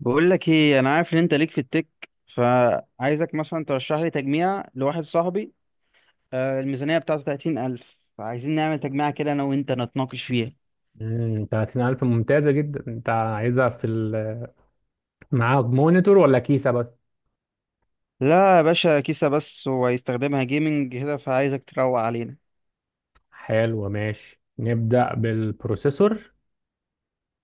بقول لك ايه، انا عارف ان انت ليك في التك، فعايزك مثلا ترشح لي تجميع لواحد صاحبي. آه، الميزانيه بتاعته 30000، فعايزين نعمل تجميعه كده انا وانت نتناقش فيها. 30000 ممتازة جدا، انت عايزها في معاها مونيتور ولا كيسة بس؟ لا يا باشا، كيسه بس وهيستخدمها جيمنج كده، فعايزك تروق علينا. حلو، ماشي. نبدأ بالبروسيسور.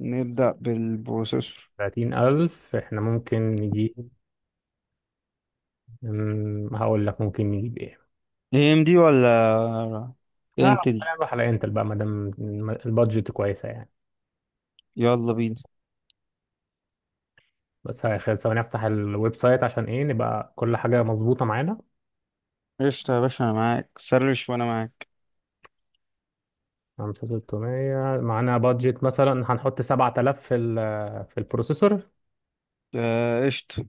نبدا بالبروسيسور. 30000 احنا ممكن نجيب. هقول لك ممكن نجيب ايه. اي ام دي ولا اه، انتل؟ خلينا نروح على انتل بقى مادام البادجت كويسة يعني. يلا بينا. بس هيخلي، ثواني افتح الويب سايت عشان ايه نبقى كل حاجة مظبوطة معانا. قشطه يا باشا، انا معاك، سرش وانا معاك. 5600 معانا بادجت، مثلا هنحط 7000 في البروسيسور. آه، قشطه.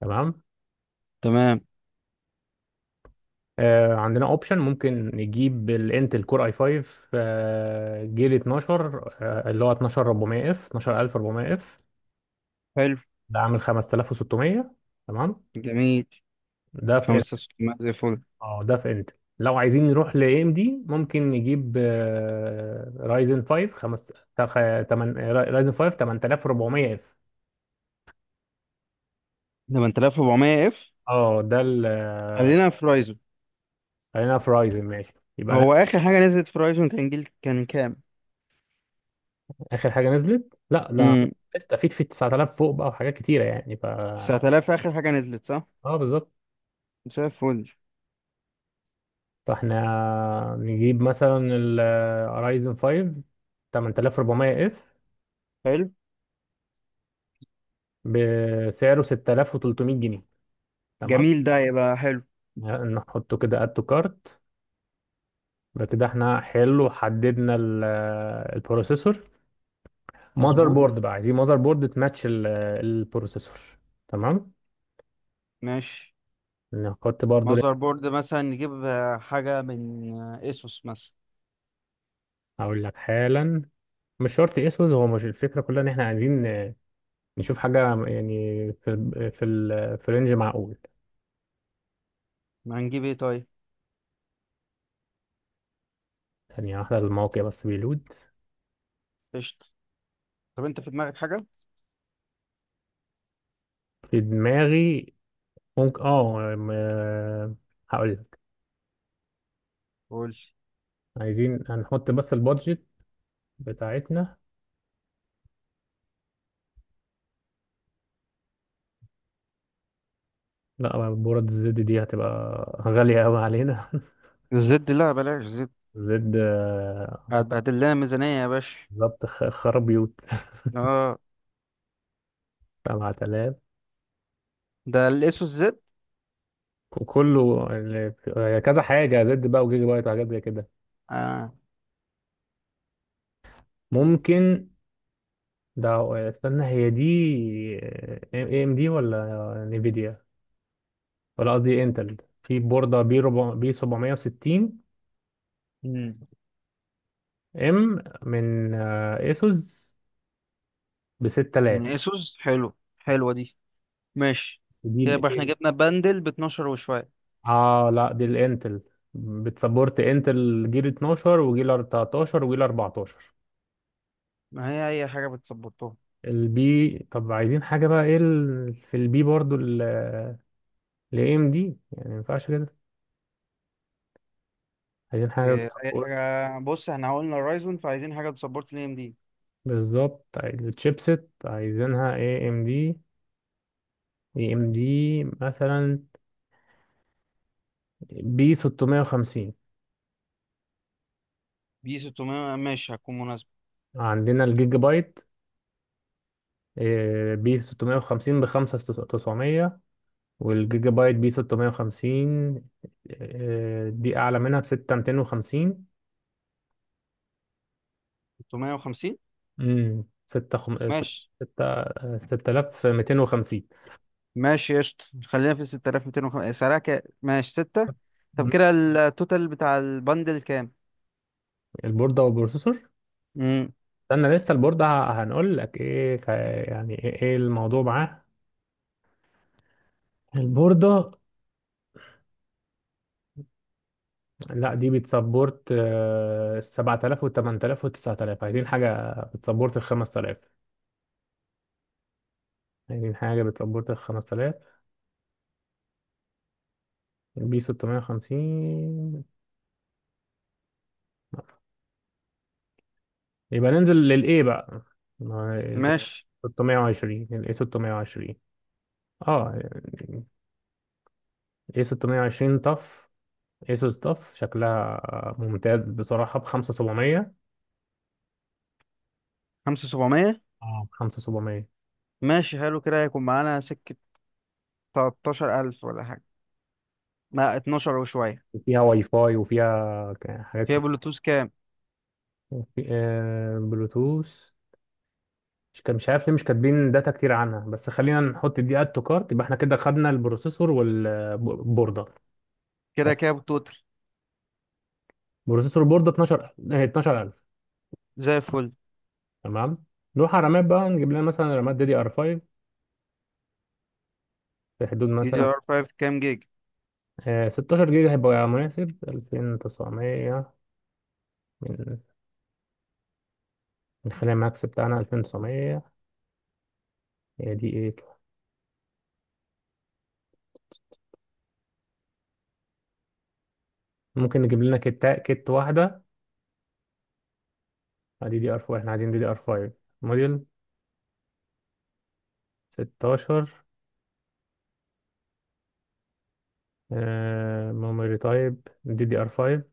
تمام. تمام. عندنا اوبشن، ممكن نجيب الانتل كور اي 5، جيل 12، اللي هو 12400 اف 12400 اف. حلو. ده عامل 5600. تمام. جميل. ده في انتل. 5600 زي الفل. اه، ده في انتل. لو عايزين نروح لاي ام دي ممكن نجيب رايزن 5 خمس، تمن رايزن 5 8400 اف. 8400 اف. اه ده خلينا في رايزو. خلينا في رايزن ماشي. يبقى أنا، هو اخر حاجه نزلت في رايزون كان جيل كان كام؟ اخر حاجه نزلت، لا امم. استفيد في 9000 فوق بقى وحاجات كتيره يعني ف 9000 اخر حاجه نزلت صح. اه بالظبط. زي الفل. فاحنا نجيب مثلا ال Ryzen 5 8400 اف حلو. بسعره 6300 جنيه. تمام، جميل، ده يبقى حلو. نحطه كده اد تو كارت. يبقى كده احنا حلو، حددنا البروسيسور. ماذر مظبوط. بورد بقى، عايزين ماذر بورد تماتش البروسيسور. تمام ماشي. نحط برضو. ماذر بورد مثلا نجيب حاجه من اسوس مثلا. هقول لك حالا، مش شرط اسوس، هو مش الفكره كلها ان احنا عايزين نشوف حاجه يعني في ال في رينج معقول. ما هنجيب ايه طيب؟ ثانيه واحده الموقع بس بيلود. قشطه. طب انت في دماغك حاجه؟ في دماغي ممكن هقول لك. قول. عايزين هنحط بس البادجت بتاعتنا، لا بورد الزد دي هتبقى غالية قوي علينا. الزد لا، بلاش زد. زد هتبهدل لنا ميزانيه يا باشا. بالظبط، خراب بيوت. اه، 7000، ده الاسوس زد. وكله كذا حاجة زد بقى وجيجا بايت وحاجات زي كده. اه. ممكن ده، استنى، هي دي اي ام دي ولا نيفيديا؟ ولا قصدي انتل. في بوردة بي 400 بي 760، مم. ام من اسوس ب من 6000. اسوس، حلو. حلوه دي. ماشي. دي كده يبقى الايه؟ احنا جبنا بندل ب 12 وشويه. اه لا دي الانتل، بتسبورت انتل جيل 12 وجيل 13 وجيل 14. ما هي اي حاجه بتسبورتها. البي، طب عايزين حاجه بقى، ايه في البي برضو الاي ام دي يعني، ما ينفعش كده. عايزين حاجه إيه، اي بتسبورت، حاجه. بص احنا قلنا الرايزون، فعايزين حاجه تسبورت ال ام دي. بالظبط الشيبسيت عايزينها اي ام دي. مثلا بي 650. دي 600، ماشي هتكون مناسبه. عندنا الجيجا بايت، بي 650 ب 5900، والجيجا بايت بي 650، دي اعلى منها ب 6250. 650 6، ماشي. 6250. ماشي قشطة، خلينا في 6250. سعرها كام؟ ماشي 6. طب كده التوتال بتاع البندل كام؟ البورده والبروسيسور، امم. استنى لسه البورده هنقول لك ايه، يعني ايه الموضوع معاه البورده. لا دي بتسبورت 7000 و8000 و9000، عايزين حاجه بتسبورت ال 5000، البي 650. يبقى ننزل للايه بقى، ما الايه ماشي. 620، الايه 620. اه يعني ايه 620 طف، ايسوس طف شكلها ممتاز بصراحة ب 5700. 5700. اه ب 5700 ماشي حلو، كده هيكون معانا سكه. 13000 ولا حاجه؟ لا 12 وشويه. وفيها واي فاي وفيها حاجات فيها كتير بلوتوث كام؟ وفي بلوتوث. مش كان مش عارف ليه مش كاتبين داتا كتير عنها، بس خلينا نحط دي اد تو كارت. يبقى احنا كده خدنا البروسيسور والبوردة. طب، كده كام التوتال؟ بروسيسور بوردة 12، 12000. زي الفل. تمام. نروح على الرامات بقى، نجيب لنا مثلا رامات دي دي ار 5 في حدود دي دي مثلا ار 5 كام جيج؟ 16 جيجا هيبقى مناسب. 2900، من من خلال الماكس بتاعنا 2900. هي دي ايه؟ ممكن نجيب لنا كت واحدة. دي دي ار 4، احنا عايزين دي دي ار 5. موديل 16، ميموري تايب دي دي ار 5.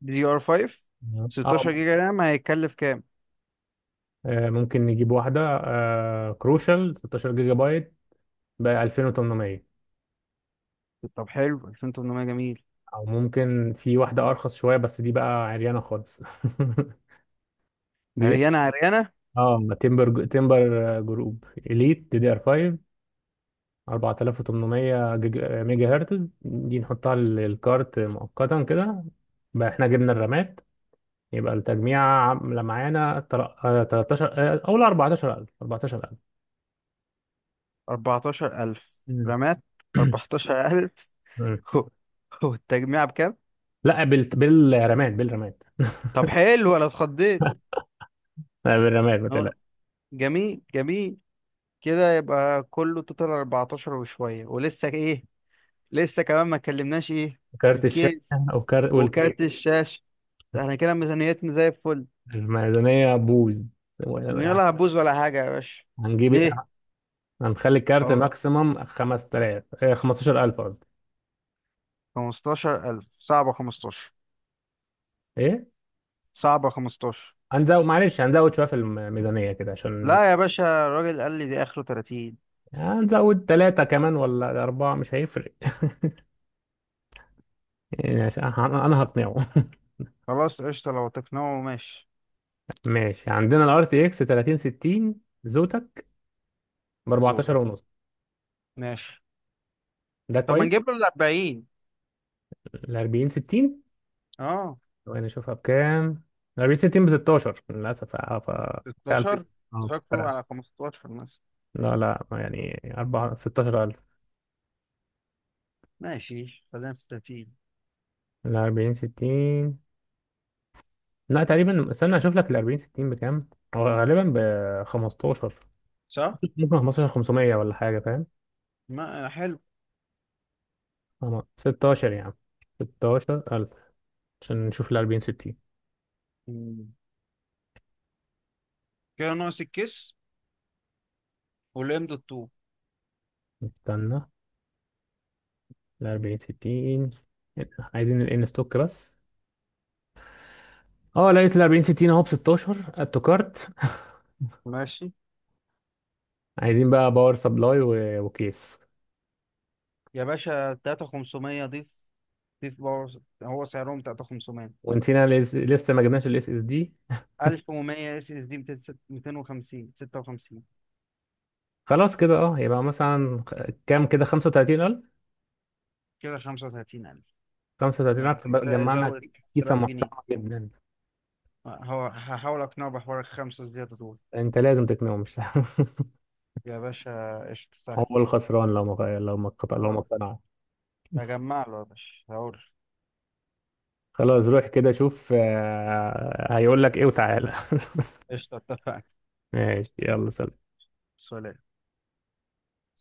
دي ار 5. تمام. اه، 16 جيجا رام هيكلف كام؟ ممكن نجيب واحدة كروشال 16 جيجا بايت ب 2800. طب حلو. 2800 جميل. او ممكن في واحده ارخص شويه بس دي بقى عريانه خالص. دي عريانة عريانة. اه، تمبر تمبر جروب اليت دي دي ار 5، ميجا هرتز. دي نحطها للكارت مؤقتا كده. بقى احنا جبنا الرامات. يبقى التجميع عامله معانا 13، او لا 14000. 14000 مم. رامات. 14000. مم. هو هو التجميع بكام؟ لا بالرامات. طب حلو، انا اتخضيت. لا بالرامات ما أهو. تقلقش. جميل جميل. كده يبقى كله توتال 14 وشوية، ولسه ايه؟ لسه كمان ما اتكلمناش ايه؟ في كارت الشاشه، الكيس، وكارت والكيس. وكارت الشاشة. ده احنا كده ميزانيتنا زي الفل. الميزانيه بوز. يلا هبوز ولا حاجة يا باشا؟ هنجيب إيه؟ ليه؟ هنخلي الكارت اهو. ماكسيمم 5000، 15000 قصدي. 15000 صعبة. 15 ايه؟ صعبة. 15 هنزود، معلش هنزود شويه في الميزانيه كده عشان، لا يا باشا، الراجل قال لي دي آخره 30. هنزود ثلاثه كمان ولا اربعه مش هيفرق. يعني عشان أنا هقنعه. خلاص قشطة، لو تقنعه ماشي. ماشي، عندنا الار تي اكس 3060 زوتك ب 14 زوتك ونص. ماشي. ده طب ما كويس. نجيب له ال 40. ال 40 60، اه وانا اشوفها بكام. ال 40 60 ب 16 للاسف. اه، ف 1000 16. اه تفكروا فرق. على 15 مثلا. لا يعني 4، 16000. ماشي خلينا في 30. ال 40 60 لا تقريبا، استنى اشوف لك ال 40 60 بكام. هو غالبا ب 15. صح؟ ممكن 15 500 ولا حاجه، فاهم؟ ما حلو. أما 16 يا عم، 16000 عشان نشوف ال 40 60. مم. كده ناقص الكيس والام الطوب. استنى، ال 40 60 عايزين الان ستوك بس. اه، لقيت ال 40 60 اهو ب 16 اد تو كارت. ماشي. عايزين بقى باور سبلاي وكيس. يا باشا 3500 ضيف. ضيف باور، هو سعرهم 3500. ونسينا لسه ما جبناش الاس اس دي. 1100 اس اس دي، 250، 56. خلاص كده اه، يبقى مثلا كام كده؟ 35000. كده 35000. هيبقى بقى كده جمعنا. يزود كيسه 5000 جنيه. محترمه جدا. هو هحاول اقنعه بحوار الخمسة الزيادة دول. انت لازم تقنعه، مش يا باشا قشطة سهل. هو الخسران لو ما اه اقتنع. هجمع له يا باشا، هقول. خلاص روح كده شوف هيقول لك ايه وتعالى. قشطة اتفقنا. ماشي يلا، سلام. سلام.